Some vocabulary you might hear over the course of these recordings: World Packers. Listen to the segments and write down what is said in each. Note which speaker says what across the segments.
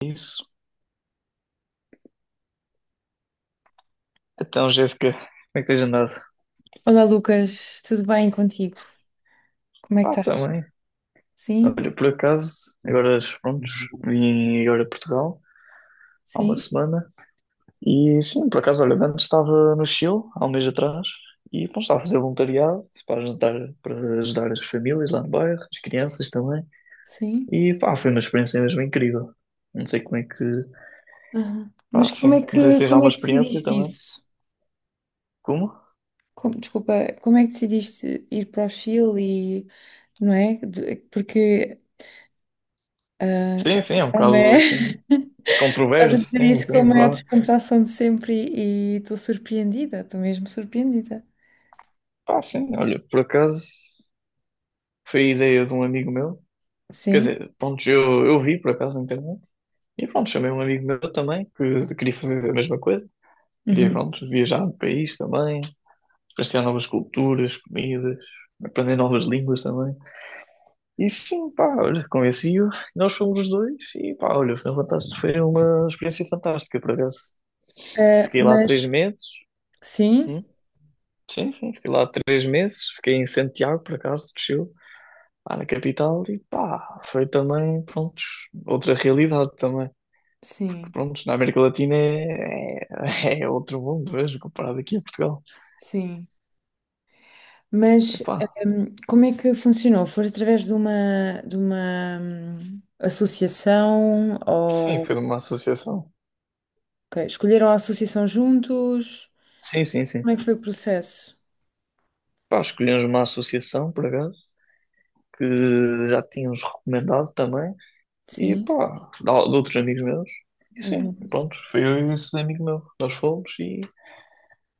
Speaker 1: Isso. Então, Jéssica, como é que tens andado?
Speaker 2: Olá, Lucas, tudo bem contigo? Como é que
Speaker 1: Pá,
Speaker 2: estás?
Speaker 1: também.
Speaker 2: Sim,
Speaker 1: Olha, por acaso, agora, prontos, vim agora a Portugal há uma
Speaker 2: sim,
Speaker 1: semana e sim, por acaso, olha, antes estava no Chile há um mês atrás e pronto, estava a fazer voluntariado para ajudar as famílias lá no bairro, as crianças também
Speaker 2: sim.
Speaker 1: e pá, foi uma experiência mesmo incrível. Não sei como é que,
Speaker 2: Aham.
Speaker 1: pá,
Speaker 2: Mas como é
Speaker 1: sim, não sei se
Speaker 2: que,
Speaker 1: tens
Speaker 2: como é
Speaker 1: alguma
Speaker 2: que
Speaker 1: experiência
Speaker 2: decidiste
Speaker 1: também.
Speaker 2: isso?
Speaker 1: Como?
Speaker 2: Desculpa, como é que decidiste ir para o Chile e, não é? Porque ah,
Speaker 1: Sim, sim, é um
Speaker 2: é uma...
Speaker 1: caso, assim,
Speaker 2: Estás a
Speaker 1: controverso,
Speaker 2: dizer
Speaker 1: sim,
Speaker 2: isso com a
Speaker 1: sim,
Speaker 2: maior
Speaker 1: vá.
Speaker 2: descontração de sempre e estou surpreendida, estou mesmo surpreendida.
Speaker 1: Pá, sim, olha, por acaso. Foi a ideia de um amigo meu. Quer
Speaker 2: Sim.
Speaker 1: dizer, pronto, eu vi por acaso na internet. E pronto, chamei um amigo meu também, que queria fazer a mesma coisa. Queria,
Speaker 2: Uhum.
Speaker 1: pronto, viajar no país também, experienciar novas culturas, comidas, aprender novas línguas também. E sim, pá, olha, convenci-o. Nós fomos os dois e pá, olha, foi fantástico. Foi uma experiência fantástica, por acaso.
Speaker 2: Ah,
Speaker 1: Fiquei lá três
Speaker 2: mas
Speaker 1: meses.
Speaker 2: sim,
Speaker 1: Hum? Sim, sim, fiquei lá 3 meses. Fiquei em Santiago, por acaso, do Chile. Lá na capital e pá, foi também, prontos, outra realidade também. Porque,
Speaker 2: sim,
Speaker 1: prontos, na América Latina é, é outro mundo, vejo, comparado aqui a Portugal.
Speaker 2: sim.
Speaker 1: E
Speaker 2: Mas
Speaker 1: pá,
Speaker 2: como é que funcionou? Foi através de uma, de uma associação
Speaker 1: sim,
Speaker 2: ou
Speaker 1: foi de uma associação.
Speaker 2: Ok, escolheram a associação juntos?
Speaker 1: Sim, sim, sim.
Speaker 2: Como é que foi o processo?
Speaker 1: Pá, escolhemos uma associação, por acaso, que já tínhamos recomendado também. E
Speaker 2: Sim.
Speaker 1: pá, de outros amigos meus. E sim,
Speaker 2: Uhum.
Speaker 1: pronto, foi eu e esse amigo meu. Nós fomos e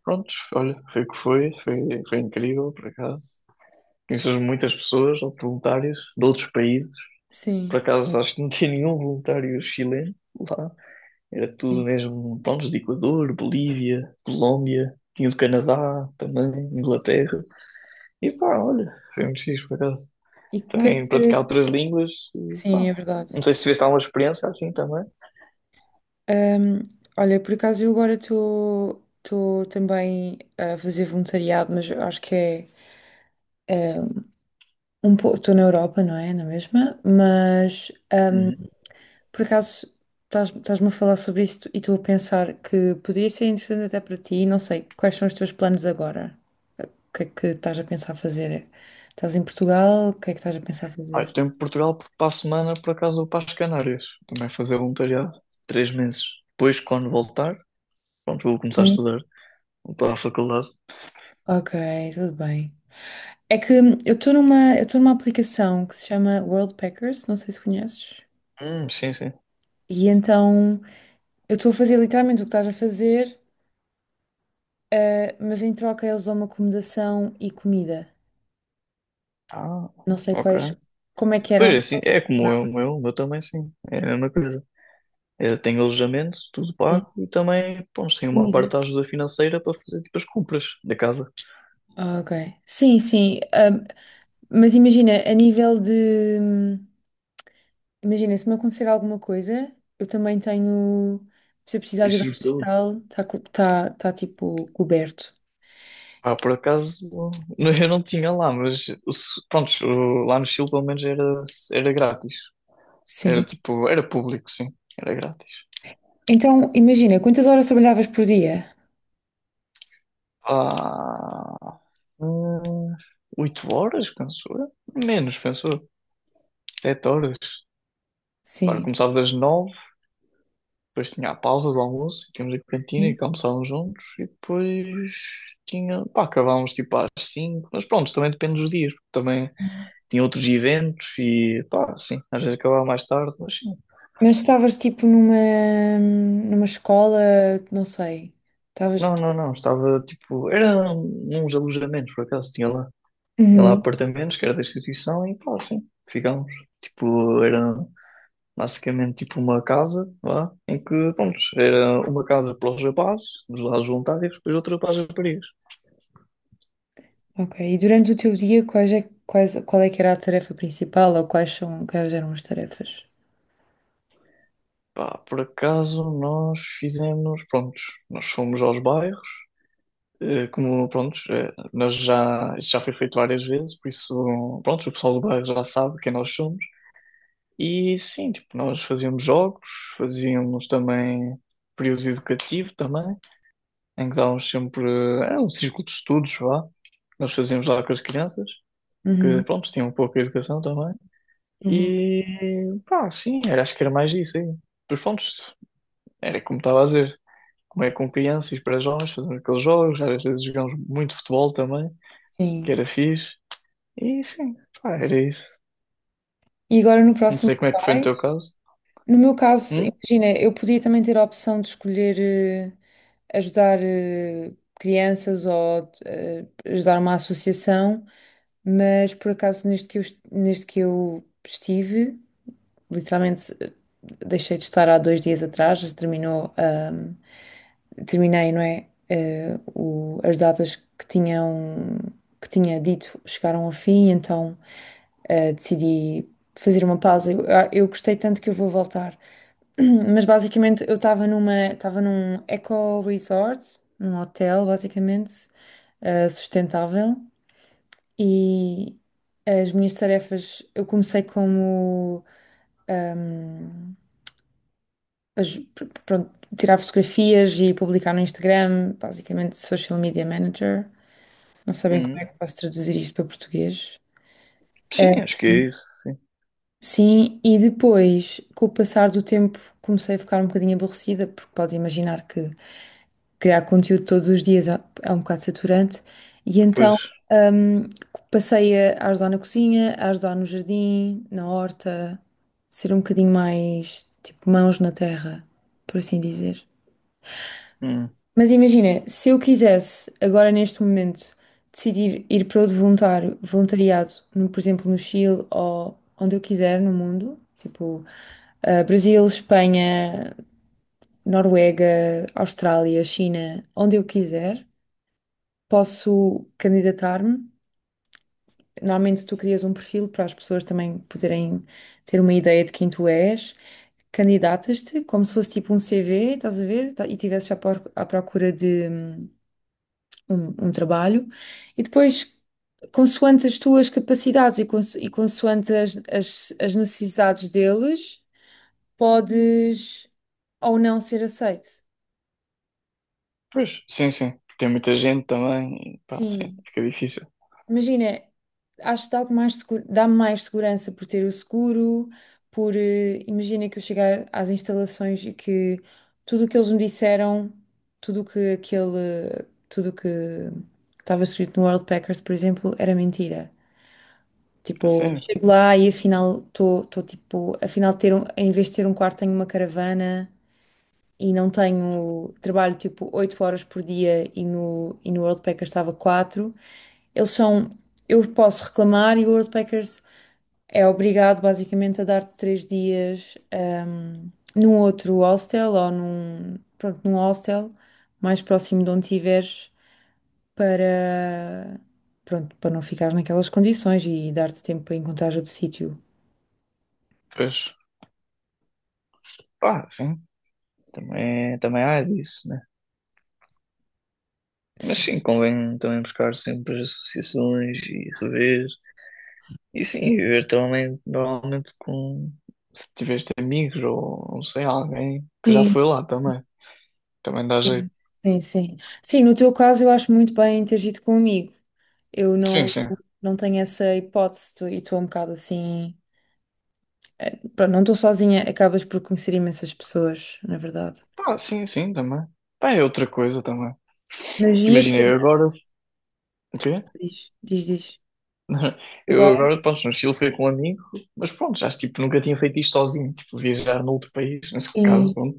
Speaker 1: pronto, olha, foi o que foi, foi incrível, por acaso. Conheces muitas pessoas, voluntários de outros países. Por
Speaker 2: Sim.
Speaker 1: acaso acho que não tinha nenhum voluntário chileno lá. Era
Speaker 2: Sim.
Speaker 1: tudo mesmo, pronto, de Equador, Bolívia, Colômbia, tinha do Canadá também, Inglaterra. E pá, olha, foi muito fixe por acaso.
Speaker 2: E o que é
Speaker 1: Também praticar
Speaker 2: que...
Speaker 1: outras línguas e
Speaker 2: Sim,
Speaker 1: pá.
Speaker 2: é verdade.
Speaker 1: Não sei se tiveste alguma experiência assim também.
Speaker 2: Hum, Olha, por acaso eu agora estou também a fazer voluntariado, mas eu acho que é um pouco... Estou na Europa, não é? Na mesma? Mas
Speaker 1: Uhum.
Speaker 2: por acaso, estás-me a falar sobre isto e estou a pensar que poderia ser interessante até para ti. Não sei, quais são os teus planos agora? O que é que estás a pensar fazer? Estás em Portugal? O que é que estás a pensar
Speaker 1: Ah, eu
Speaker 2: fazer?
Speaker 1: estou em Portugal porque para a semana, por acaso, vou para as Canárias. Também fazer voluntariado. 3 meses. Depois, quando voltar, pronto, vou começar a
Speaker 2: Sim.
Speaker 1: estudar. Vou para a faculdade.
Speaker 2: Ok, tudo bem. É que eu estou numa aplicação que se chama World Packers, não sei se conheces.
Speaker 1: Sim, sim.
Speaker 2: E então eu estou a fazer literalmente o que estás a fazer, mas em troca eles dão uma acomodação e comida.
Speaker 1: Ah,
Speaker 2: Não sei
Speaker 1: ok.
Speaker 2: quais, como é que
Speaker 1: Pois
Speaker 2: eram.
Speaker 1: é, assim, é
Speaker 2: Não,
Speaker 1: como eu, o meu também sim, é a mesma coisa. Eu tenho alojamento, tudo
Speaker 2: sim,
Speaker 1: pago e também, pô, tenho uma parte
Speaker 2: comida.
Speaker 1: da ajuda financeira para fazer tipo as compras da casa.
Speaker 2: Ah, ok. Sim, sim. Mas imagina, a nível de. Imagina, se me acontecer alguma coisa, eu também tenho. Se eu precisar de ir ao
Speaker 1: Deixa-me saúde.
Speaker 2: hospital, está tipo coberto.
Speaker 1: Ah, por acaso, eu não tinha lá, mas pronto, lá no Chile pelo menos era grátis. Era
Speaker 2: Sim.
Speaker 1: tipo, era público, sim, era grátis.
Speaker 2: Então, imagina, quantas horas trabalhavas por dia?
Speaker 1: Ah, hum, 8 horas, penso eu. Menos, penso eu. 7 horas. Para,
Speaker 2: Sim.
Speaker 1: começava das 9. Depois tinha a pausa do almoço, tínhamos a cantina
Speaker 2: Sim.
Speaker 1: e que almoçávamos juntos, e depois tinha, pá, acabávamos tipo às 5, mas pronto, também depende dos dias, porque também tinha outros eventos e pá, sim, às vezes acabava mais tarde, mas sim.
Speaker 2: Mas estavas tipo numa escola, não sei. Estavas.
Speaker 1: Não, não, não, estava tipo, era uns alojamentos por acaso, tinha lá
Speaker 2: Uhum,
Speaker 1: apartamentos que era da instituição e pá, sim, ficámos. Tipo, era basicamente tipo uma casa, lá, em que, pronto, era uma casa para os rapazes, dos lados voluntários, depois outra para as raparigas.
Speaker 2: ok. E durante o teu dia, qual é que era a tarefa principal ou quais eram as tarefas?
Speaker 1: Pá, por acaso nós fizemos, pronto, nós fomos aos bairros, como, pronto, nós já, isso já foi feito várias vezes, por isso, pronto, o pessoal do bairro já sabe quem nós somos. E sim, tipo, nós fazíamos jogos, fazíamos também período educativo também, em que dávamos sempre, era um círculo de estudos, vá, nós fazíamos lá com as crianças,
Speaker 2: Uhum.
Speaker 1: que, pronto, tinham pouca educação também.
Speaker 2: Uhum,
Speaker 1: E, pá, sim, era, acho que era mais isso aí. Pois, pronto, era como estava a dizer. Como é com crianças para jovens, fazendo aqueles jogos, às vezes jogamos muito futebol também,
Speaker 2: Sim.
Speaker 1: que era fixe, e sim, pá, era isso.
Speaker 2: E agora no
Speaker 1: Não
Speaker 2: próximo
Speaker 1: sei
Speaker 2: que
Speaker 1: como é que foi no
Speaker 2: vais?
Speaker 1: teu caso.
Speaker 2: No meu caso,
Speaker 1: Hum?
Speaker 2: imagina, eu podia também ter a opção de escolher ajudar crianças ou ajudar uma associação, mas por acaso neste que eu estive. Literalmente deixei de estar há 2 dias atrás, terminou, terminei, não é? As datas que tinham, que tinha dito chegaram ao fim, então decidi fazer uma pausa. Eu gostei tanto que eu vou voltar. Mas basicamente eu estava num eco resort, num hotel basicamente sustentável e as minhas tarefas eu comecei como ahm, pronto, tirar fotografias e publicar no Instagram, basicamente social media manager. Não sabem como
Speaker 1: Hum.
Speaker 2: é que posso traduzir isto para português. Eh,
Speaker 1: Sim, acho que é isso, sim.
Speaker 2: Sim, e depois, com o passar do tempo, comecei a ficar um bocadinho aborrecida, porque pode imaginar que criar conteúdo todos os dias é um bocado saturante, e
Speaker 1: Pois,
Speaker 2: então hum, passei a ajudar na cozinha, a ajudar no jardim, na horta, ser um bocadinho mais tipo mãos na terra, por assim dizer.
Speaker 1: hum.
Speaker 2: Mas imagina, se eu quisesse agora neste momento decidir ir para outro voluntariado, por exemplo, no Chile ou onde eu quiser no mundo, tipo Brasil, Espanha, Noruega, Austrália, China, onde eu quiser, posso candidatar-me. Normalmente tu crias um perfil para as pessoas também poderem ter uma ideia de quem tu és. Candidatas-te como se fosse tipo um CV, estás a ver? E tivesses à procura de um trabalho e depois, consoante as tuas capacidades e consoante as necessidades deles, podes ou não ser aceito.
Speaker 1: Pois, sim, sim. Tem muita gente também, e pá, sim,
Speaker 2: Sim,
Speaker 1: fica difícil.
Speaker 2: imagina, acho que dá-te mais seguro, dá-me mais segurança por ter o seguro, por, imagina que eu chegar às instalações e que tudo o que eles me disseram, tudo o que estava escrito no World Packers, por exemplo, era mentira. Tipo,
Speaker 1: Sim,
Speaker 2: chego lá e afinal ter um, em vez de ter um quarto tenho uma caravana e não tenho, trabalho tipo 8 horas por dia e no World Packers estava 4. Eles são, eu posso reclamar e o World Packers é obrigado basicamente a dar-te 3 dias num outro hostel ou num, pronto, num hostel mais próximo de onde estiveres para, pronto, para não ficar naquelas condições e dar-te tempo para encontrar outro sítio.
Speaker 1: pois, pá, sim, também, é, também há disso. Mas
Speaker 2: Sim,
Speaker 1: sim, convém também buscar sempre as associações e rever. E sim, viver também normalmente com, se tiveste amigos ou não sei, alguém que já
Speaker 2: sim,
Speaker 1: foi lá também. Também dá jeito.
Speaker 2: sim, sim. Sim, no teu caso eu acho muito bem teres ido comigo. Eu
Speaker 1: Sim,
Speaker 2: não,
Speaker 1: sim.
Speaker 2: não tenho essa hipótese e estou um bocado assim. Pronto, não estou sozinha, acabas por conhecer imensas pessoas, na verdade.
Speaker 1: Pá, sim, sim, também. Pá, é outra coisa também.
Speaker 2: Mas e
Speaker 1: Imagina,
Speaker 2: este.
Speaker 1: eu agora. O quê?
Speaker 2: Diz, diz, diz.
Speaker 1: Eu
Speaker 2: Agora?
Speaker 1: agora, pronto, no Chile fui com um amigo, mas pronto, já tipo, nunca tinha feito isto sozinho, tipo, viajar noutro país, nesse caso,
Speaker 2: Sim,
Speaker 1: pronto.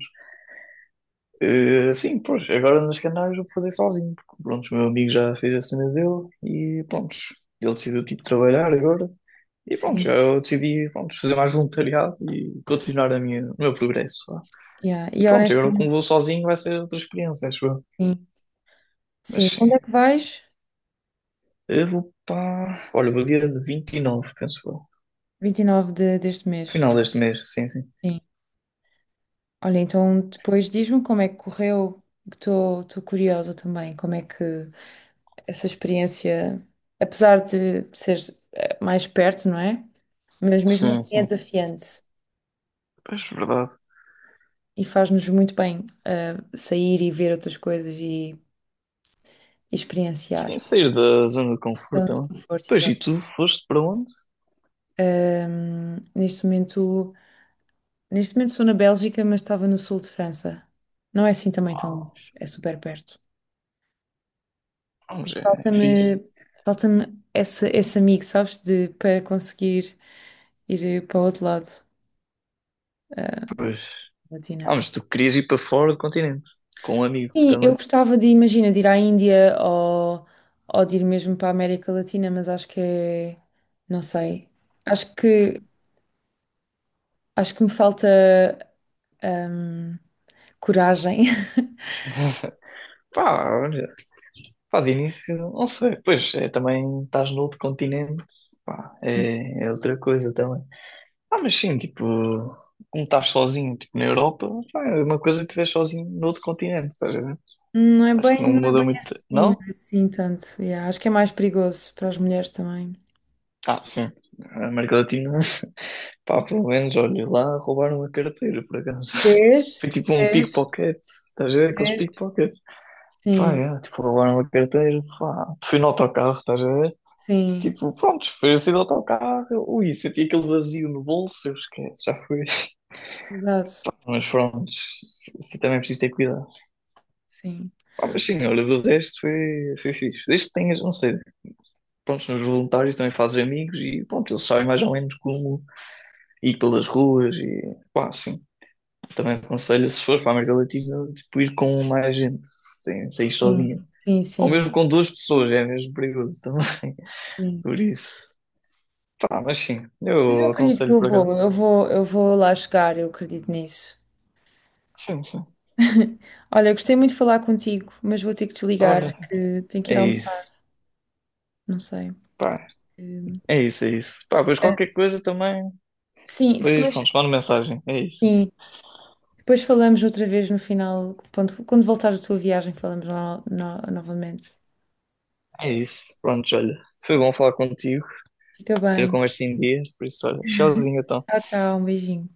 Speaker 1: Sim, pois, agora nos Canários vou fazer sozinho, porque pronto, o meu amigo já fez a cena dele e pronto, ele decidiu tipo trabalhar agora e pronto, já
Speaker 2: sim.
Speaker 1: eu decidi pronto, fazer mais voluntariado e continuar a minha, o meu progresso, vá.
Speaker 2: Yeah.
Speaker 1: E
Speaker 2: E
Speaker 1: pronto, agora
Speaker 2: honestamente,
Speaker 1: como vou sozinho vai ser outra experiência, acho eu.
Speaker 2: sim.
Speaker 1: Mas
Speaker 2: Sim.
Speaker 1: sim,
Speaker 2: Quando é que vais?
Speaker 1: eu vou para. Olha, vou dia de 29, penso eu.
Speaker 2: Vinte e nove deste mês.
Speaker 1: Final deste mês, sim, sim.
Speaker 2: Sim. Olha, então depois diz-me como é que correu, que estou curiosa também, como é que essa experiência, apesar de ser mais perto, não é? Mas mesmo
Speaker 1: Sim,
Speaker 2: assim é
Speaker 1: sim.
Speaker 2: desafiante
Speaker 1: Pois, verdade.
Speaker 2: e faz-nos muito bem sair e ver outras coisas e experienciar.
Speaker 1: Sem sair da zona de conforto
Speaker 2: Tanto
Speaker 1: também.
Speaker 2: conforto,
Speaker 1: Pois, e
Speaker 2: exato.
Speaker 1: tu foste para onde?
Speaker 2: Ahm, neste momento, neste momento, sou na Bélgica, mas estava no sul de França. Não é assim também tão
Speaker 1: Ah,
Speaker 2: longe, é super perto.
Speaker 1: vamos, é fixe.
Speaker 2: Falta-me falta-me esse amigo, sabes, de, para conseguir ir para o outro lado eh,
Speaker 1: Pois. Ah,
Speaker 2: Latina.
Speaker 1: mas tu querias ir para fora do continente, com um amigo
Speaker 2: Sim, eu
Speaker 1: também.
Speaker 2: gostava de, imagina, de ir à Índia ou de ir mesmo para a América Latina, mas acho que é, não sei. Acho que, acho que me falta ahm, coragem.
Speaker 1: Pá, olha, pá, de início, não sei, pois é, também estás no outro continente, pá,
Speaker 2: Sim.
Speaker 1: é outra coisa também. Ah, mas sim, tipo, como estás sozinho, tipo, na Europa, pá, é uma coisa que estiveres sozinho no outro continente, estás a ver?
Speaker 2: Não é
Speaker 1: Acho que
Speaker 2: bem,
Speaker 1: não
Speaker 2: não é
Speaker 1: muda
Speaker 2: bem assim,
Speaker 1: muito,
Speaker 2: não
Speaker 1: não?
Speaker 2: é assim tanto. Yeah, acho que é mais perigoso para as mulheres também.
Speaker 1: Ah, sim, a América Latina, pá, pelo menos, olha, lá roubaram a carteira, por acaso.
Speaker 2: Vês?
Speaker 1: Foi tipo um
Speaker 2: Vês?
Speaker 1: pickpocket, estás a ver aqueles
Speaker 2: Vês?
Speaker 1: pickpockets? Pá,
Speaker 2: Sim.
Speaker 1: é, tipo, roubaram uma carteira, pá. Fui no autocarro, estás a ver?
Speaker 2: Sim,
Speaker 1: Tipo, pronto, foi assim do autocarro, ui, senti aquele vazio no bolso, eu esquece, já foi.
Speaker 2: exato.
Speaker 1: Mas pronto, assim também é preciso ter cuidado.
Speaker 2: Sim,
Speaker 1: Pá, mas sim, olha, do resto foi, fixe. Desde que tenhas, não sei, pronto, nos voluntários também fazes amigos e pronto, eles sabem mais ou menos como ir pelas ruas e pá, sim. Também aconselho, se fores para a América Latina, tipo, ir com mais gente, sem sair
Speaker 2: sim,
Speaker 1: sozinha.
Speaker 2: sim,
Speaker 1: Ou
Speaker 2: sim.
Speaker 1: mesmo com 2 pessoas, é mesmo perigoso também.
Speaker 2: Sim.
Speaker 1: Por isso. Tá, mas sim,
Speaker 2: Mas eu
Speaker 1: eu
Speaker 2: acredito que
Speaker 1: aconselho
Speaker 2: eu
Speaker 1: por
Speaker 2: vou,
Speaker 1: acaso.
Speaker 2: eu vou, eu vou lá chegar, eu acredito nisso.
Speaker 1: Sim, sim.
Speaker 2: Olha, gostei muito de falar contigo, mas vou ter que desligar,
Speaker 1: Olha,
Speaker 2: que tenho que ir
Speaker 1: é
Speaker 2: almoçar,
Speaker 1: isso.
Speaker 2: não sei.
Speaker 1: Pá,
Speaker 2: Hum,
Speaker 1: é isso, é isso. Pá, pois
Speaker 2: é.
Speaker 1: qualquer coisa também.
Speaker 2: Sim,
Speaker 1: Pois,
Speaker 2: depois,
Speaker 1: pronto, manda mensagem. É isso.
Speaker 2: sim, depois falamos outra vez no final, quando voltares da tua viagem, falamos novamente.
Speaker 1: É isso. Pronto, olha. Foi bom falar contigo,
Speaker 2: Fica
Speaker 1: ter a
Speaker 2: bem.
Speaker 1: conversa em dia. Por isso, olha, tchauzinho então.
Speaker 2: Tchau, tchau, um beijinho.